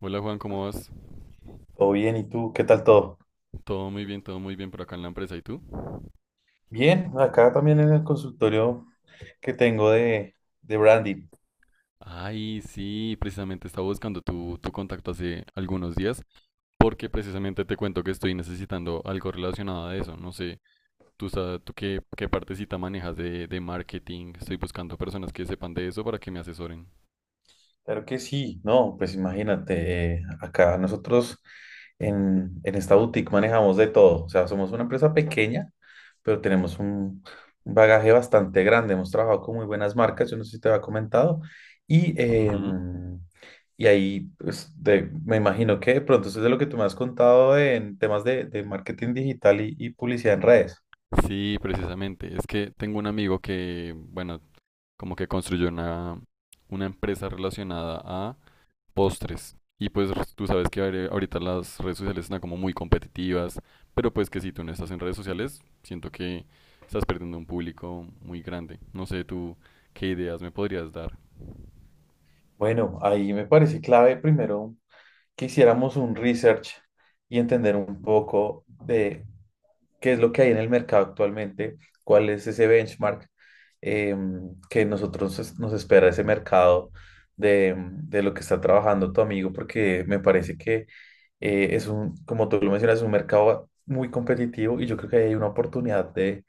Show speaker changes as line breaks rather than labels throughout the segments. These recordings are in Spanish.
Hola Juan, ¿cómo vas?
Todo bien, ¿y tú? ¿Qué tal todo?
Todo muy bien por acá en la empresa. ¿Y tú?
Bien, acá también en el consultorio que tengo de branding.
Ay, sí, precisamente estaba buscando tu contacto hace algunos días porque precisamente te cuento que estoy necesitando algo relacionado a eso. No sé, tú qué partecita manejas de marketing. Estoy buscando personas que sepan de eso para que me asesoren.
Claro que sí, no, pues imagínate, acá nosotros en esta boutique manejamos de todo. O sea, somos una empresa pequeña, pero tenemos un bagaje bastante grande. Hemos trabajado con muy buenas marcas, yo no sé si te había comentado. Y,
Ujú.
em, y ahí, pues, me imagino que de pronto eso es de lo que tú me has contado en temas de marketing digital y publicidad en redes.
Sí, precisamente. Es que tengo un amigo que, bueno, como que construyó una empresa relacionada postres. Y pues tú sabes que ahorita las redes sociales están como muy competitivas, pero pues que si tú no estás en redes sociales, siento que estás perdiendo un público muy grande. No sé tú qué ideas me podrías dar.
Bueno, ahí me parece clave primero que hiciéramos un research y entender un poco de qué es lo que hay en el mercado actualmente, cuál es ese benchmark que nos espera ese mercado de lo que está trabajando tu amigo, porque me parece que es un, como tú lo mencionas, es un mercado muy competitivo y yo creo que hay una oportunidad de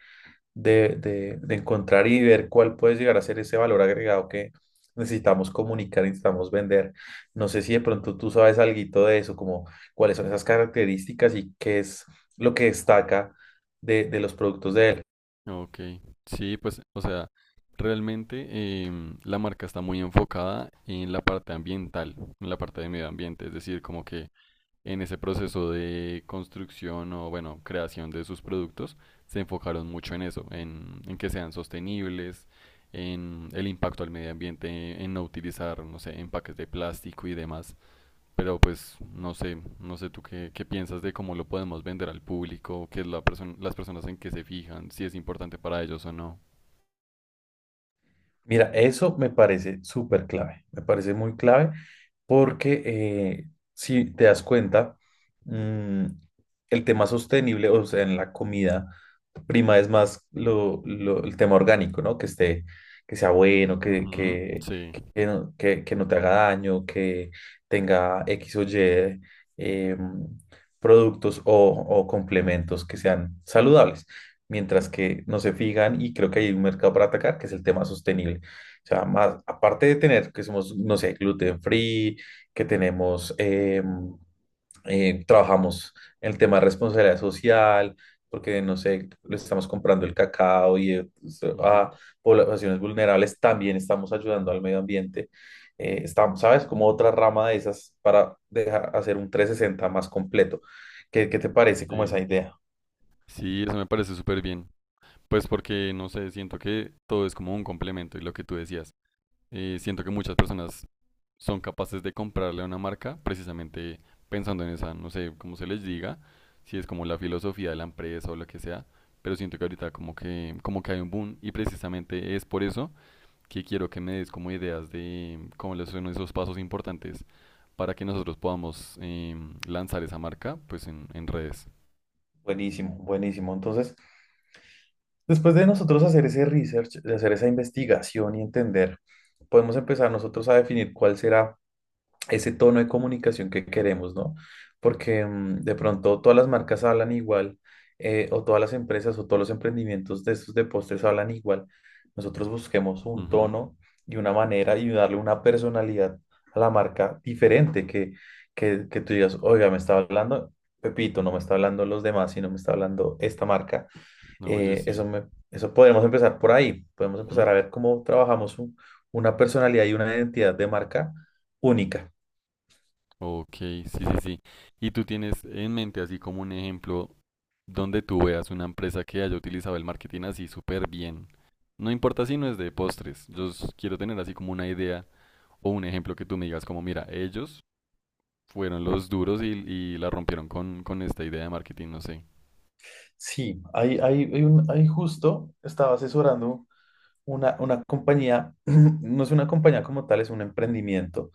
de, de, de encontrar y ver cuál puede llegar a ser ese valor agregado que necesitamos comunicar, y necesitamos vender. No sé si de
Ujú.
pronto tú sabes algo de eso, como cuáles son esas características y qué es lo que destaca de los productos de él.
Ok, sí, pues, o sea, realmente la marca está muy enfocada en la parte ambiental, en la parte de medio ambiente, es decir, como que en ese proceso de construcción o, bueno, creación de sus productos, se enfocaron mucho en eso, en que sean sostenibles, en el impacto al medio ambiente, en no utilizar, no sé, empaques de plástico y demás. Pero pues no sé, no sé tú qué piensas de cómo lo podemos vender al público, qué es la persona, las personas en qué se fijan, si es importante para ellos o no.
Mira, eso me parece súper clave, me parece muy clave porque si te das cuenta, mm, el tema sostenible, o sea, en la comida prima es más el tema orgánico, ¿no? Que esté, que sea bueno,
Ujú, sí,
no, que no te haga daño, que tenga X o Y em, productos o complementos que sean saludables mientras que no se fijan y creo que hay un mercado para atacar, que es el tema sostenible. O sea, más, aparte de tener que somos, no sé, gluten free, que tenemos, trabajamos en el tema de responsabilidad social, porque, no sé, le estamos comprando el cacao y pues,
ujú,
a poblaciones vulnerables, también estamos ayudando al medio ambiente. Estamos, ¿sabes? Como otra rama de esas para dejar, hacer un 360 más completo. ¿Qué, qué te parece como esa
sí.
idea?
Sí, eso me parece súper bien. Pues porque, no sé, siento que todo es como un complemento y lo que tú decías. Siento que muchas personas son capaces de comprarle a una marca precisamente pensando en esa, no sé cómo se les diga, si es como la filosofía de la empresa o lo que sea, pero siento que ahorita como que hay un boom y precisamente es por eso que quiero que me des como ideas de cómo les son esos pasos importantes para que nosotros podamos lanzar esa marca pues en redes.
Buenísimo, buenísimo. Entonces, después de nosotros hacer ese research, de hacer esa investigación y entender, podemos empezar nosotros a definir cuál será ese tono de comunicación que queremos, ¿no? Porque de pronto todas las marcas hablan igual, o todas las empresas o todos los emprendimientos de estos de postres hablan igual. Nosotros busquemos un
Ujú.
tono y una manera y darle una personalidad a la marca diferente, que tú digas, oiga, me está hablando Pepito, no me está hablando los demás, sino me está hablando esta marca.
No, oye, sí.
Eso podemos empezar por ahí. Podemos empezar
Ujú.
a ver cómo trabajamos una personalidad y una identidad de marca única.
Ok, sí, sí, sí. ¿Y tú tienes en mente así como un ejemplo donde tú veas una empresa que haya utilizado el marketing así súper bien? No importa si no es de postres, quiero tener así como una idea o un ejemplo que tú me digas como, mira, ellos fueron los duros y, la rompieron con, esta idea de marketing, no sé.
Sí, hay justo estaba asesorando una compañía, no es una compañía como tal, es un emprendimiento.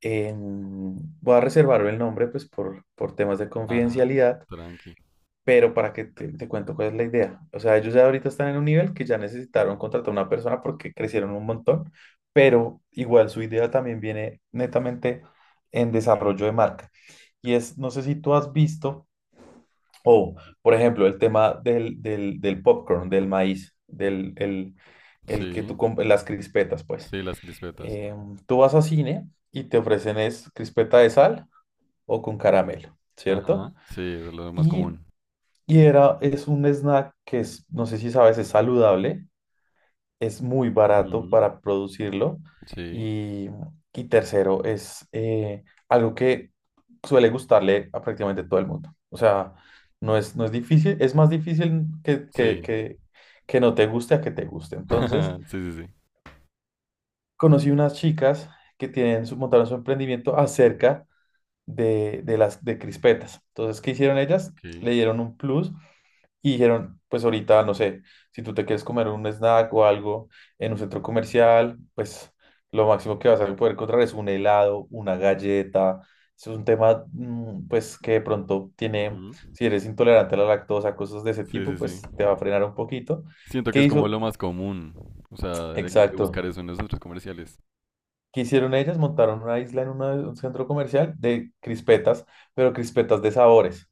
Voy a reservar el nombre pues por temas de
Ajá,
confidencialidad.
tranqui.
Pero para que te cuento cuál es la idea. O sea, ellos ya ahorita están en un nivel que ya necesitaron contratar a una persona porque crecieron un montón, pero igual su idea también viene netamente en desarrollo de marca. Y es, no sé si tú has visto, o por ejemplo, el tema del popcorn, del maíz, el que tú
Sí,
compras, las crispetas, pues.
sí, las crispetas.
Tú vas a cine y te ofrecen es crispeta de sal o con caramelo, ¿cierto?
Ajá, sí, eso es lo más
Y
común.
y era, es un snack que es, no sé si sabes, es saludable, es muy barato
Ujú,
para producirlo
sí,
y, y tercero, es algo que suele gustarle a prácticamente todo el mundo. O sea, no es difícil, es más difícil
sí.
que no te guste a que te guste. Entonces,
Sí, sí, sí.
conocí unas chicas que tienen su, montaron su emprendimiento acerca de las de crispetas. Entonces, ¿qué hicieron ellas?
Ok.
Le dieron un plus y dijeron, pues ahorita, no sé, si tú te quieres comer un snack o algo en un centro comercial, pues lo máximo que vas a poder encontrar es un helado, una galleta. Es un tema, pues, que de pronto tiene,
Ujú,
si eres intolerante a la lactosa, cosas de ese
sí, sí,
tipo,
sí.
pues te va a frenar un poquito.
Siento que
¿Qué
es como
hizo?
lo más común, o sea, de
Exacto.
buscar eso en los centros comerciales.
¿Qué hicieron ellas? Montaron una isla en un centro comercial de crispetas, pero crispetas de sabores.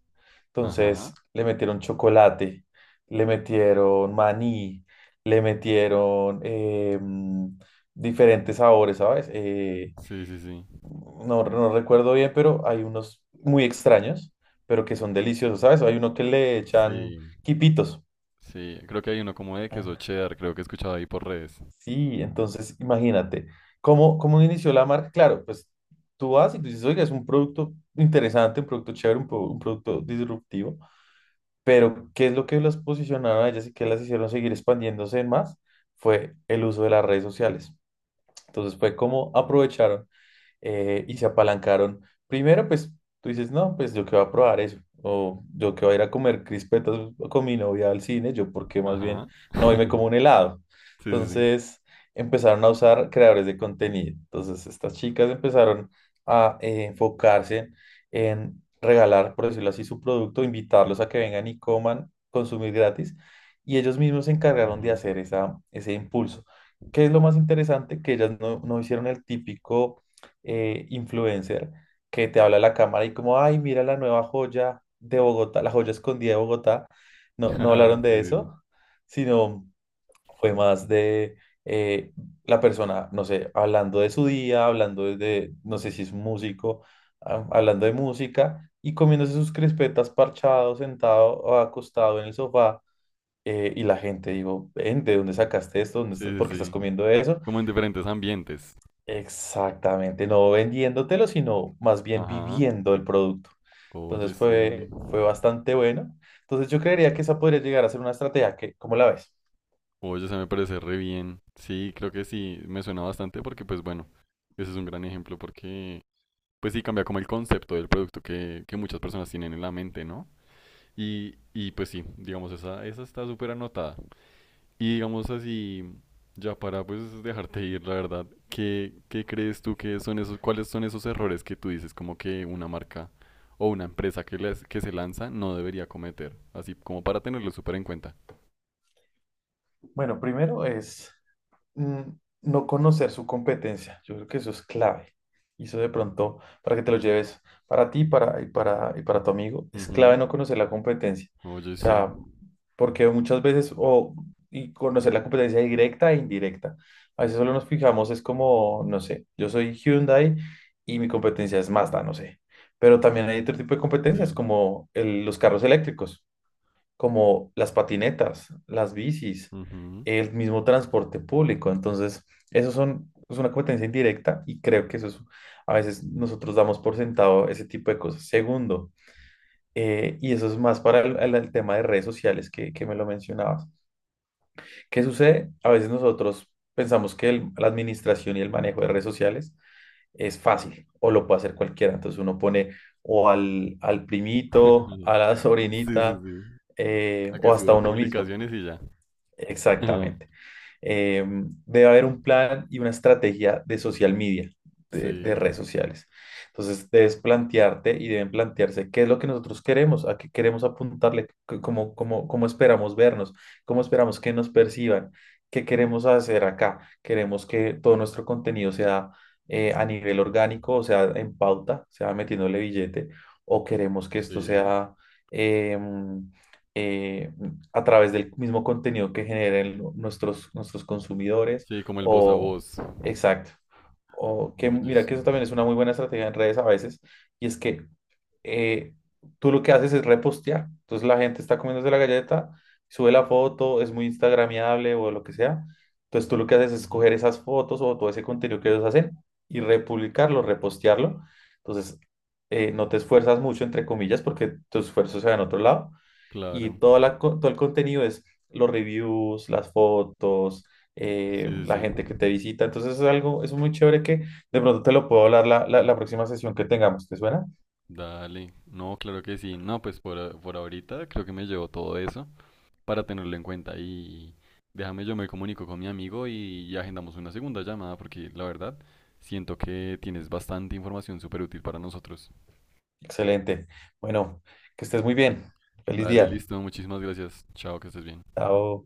Ajá.
Entonces le metieron chocolate, le metieron maní, le metieron diferentes sabores, ¿sabes?
Sí, sí, sí.
No, no recuerdo bien, pero hay unos muy extraños, pero que son deliciosos, ¿sabes? Hay uno que le echan
Sí,
quipitos.
sí. Creo que hay uno como de queso cheddar, creo que he escuchado ahí por redes.
Sí, entonces imagínate, ¿cómo, cómo inició la marca? Claro, pues tú vas y tú dices, oiga, es un producto interesante, un producto chévere, un producto disruptivo, pero ¿qué es lo que las posicionaron a ellas y qué las hicieron seguir expandiéndose en más? Fue el uso de las redes sociales. Entonces fue como aprovecharon y se apalancaron. Primero, pues tú dices, no, pues yo que voy a probar eso, o yo que voy a ir a comer crispetas con mi novia al cine, yo porque más bien
Ajá.
no hoy me como un helado.
Sí, sí, sí.
Entonces empezaron a usar creadores de contenido. Entonces estas chicas empezaron a enfocarse en regalar, por decirlo así, su producto, invitarlos a que vengan y coman, consumir gratis. Y ellos mismos se encargaron de
Ujú.
hacer esa, ese impulso. ¿Qué es lo más interesante? Que ellas no, no hicieron el típico influencer que te habla a la cámara y como, ay, mira la nueva joya de Bogotá, la joya escondida de Bogotá. No, no
Ajá,
hablaron
sí,
de
sí, sí.
eso, sino fue más de eh, la persona, no sé, hablando de su día, hablando de, no sé si es músico, ah, hablando de música y comiéndose sus crispetas parchado, sentado o acostado en el sofá. Y la gente, digo, "Ven, ¿de dónde sacaste esto? ¿Dónde estás?
Sí, sí,
¿Por qué estás
sí.
comiendo eso?"
Como en diferentes ambientes.
Exactamente, no vendiéndotelo, sino más bien
Ajá.
viviendo el producto.
Oye,
Entonces
sí.
fue, fue bastante bueno. Entonces yo creería que esa podría llegar a ser una estrategia que, ¿cómo la ves?
Oye, se me parece re bien. Sí, creo que sí, me suena bastante porque, pues bueno, ese es un gran ejemplo porque pues sí cambia como el concepto del producto que muchas personas tienen en la mente, ¿no? Y, pues sí, digamos, esa está súper anotada. Y digamos así, ya para pues dejarte ir, la verdad, ¿ qué crees tú que son esos, cuáles son esos errores que tú dices como que una marca o una empresa que se lanza no debería cometer? Así como para tenerlo súper en cuenta.
Bueno, primero es mm, no conocer su competencia. Yo creo que eso es clave. Y eso de pronto, para que te lo lleves para ti para tu amigo, es clave
Ujú.
no conocer la competencia.
Oye,
O
sí.
sea, porque muchas veces, o, y conocer la competencia directa e indirecta. A veces solo nos fijamos, es como, no sé, yo soy Hyundai y mi competencia es Mazda, no sé. Pero también hay otro tipo de competencias
Sí.
como los carros eléctricos, como las patinetas, las bicis,
Ujú.
el mismo transporte público. Entonces, eso son, es una competencia indirecta y creo que eso es, a veces nosotros damos por sentado ese tipo de cosas. Segundo, y eso es más para el tema de redes sociales que me lo mencionabas. ¿Qué sucede? A veces nosotros pensamos que la administración y el manejo de redes sociales es fácil o lo puede hacer cualquiera. Entonces uno pone o al primito, a la
Sí, sí,
sobrinita
sí. A que
o hasta
suba
uno mismo.
publicaciones y ya.
Exactamente. Eh, Debe haber un plan y una estrategia de social media, de
Sí.
redes sociales. Entonces, debes plantearte y deben plantearse qué es lo que nosotros queremos, a qué queremos apuntarle, cómo esperamos vernos, cómo esperamos que nos perciban, qué queremos hacer acá. Queremos que todo nuestro contenido sea a nivel orgánico, o sea, en pauta, sea metiéndole billete, o queremos que esto
Sí,
sea... em, eh, a través del mismo contenido que generen nuestros consumidores,
sí, como el voz a
o,
voz.
exacto, o que
Oye,
mira que eso
sí.
también es una muy buena estrategia en redes a veces y es que eh, tú lo que haces es repostear, entonces la gente está comiéndose la galleta, sube la foto, es muy instagramiable o lo que sea, entonces tú lo que haces es
Ujú,
coger esas fotos o todo ese contenido que ellos hacen y republicarlo, repostearlo, entonces no te esfuerzas mucho entre comillas porque tu esfuerzo se va en otro lado y
claro.
todo el contenido es los reviews, las fotos,
Sí,
la
sí, sí.
gente que te visita. Entonces es algo, es muy chévere que de pronto te lo puedo hablar la próxima sesión que tengamos. ¿Te suena?
Dale. No, claro que sí. No, pues por ahorita creo que me llevo todo eso para tenerlo en cuenta y déjame yo me comunico con mi amigo y, agendamos una segunda llamada porque la verdad siento que tienes bastante información súper útil para nosotros.
Excelente. Bueno, que estés muy bien. Feliz
Dale,
día.
listo. Muchísimas gracias. Chao, que estés bien.
Chao.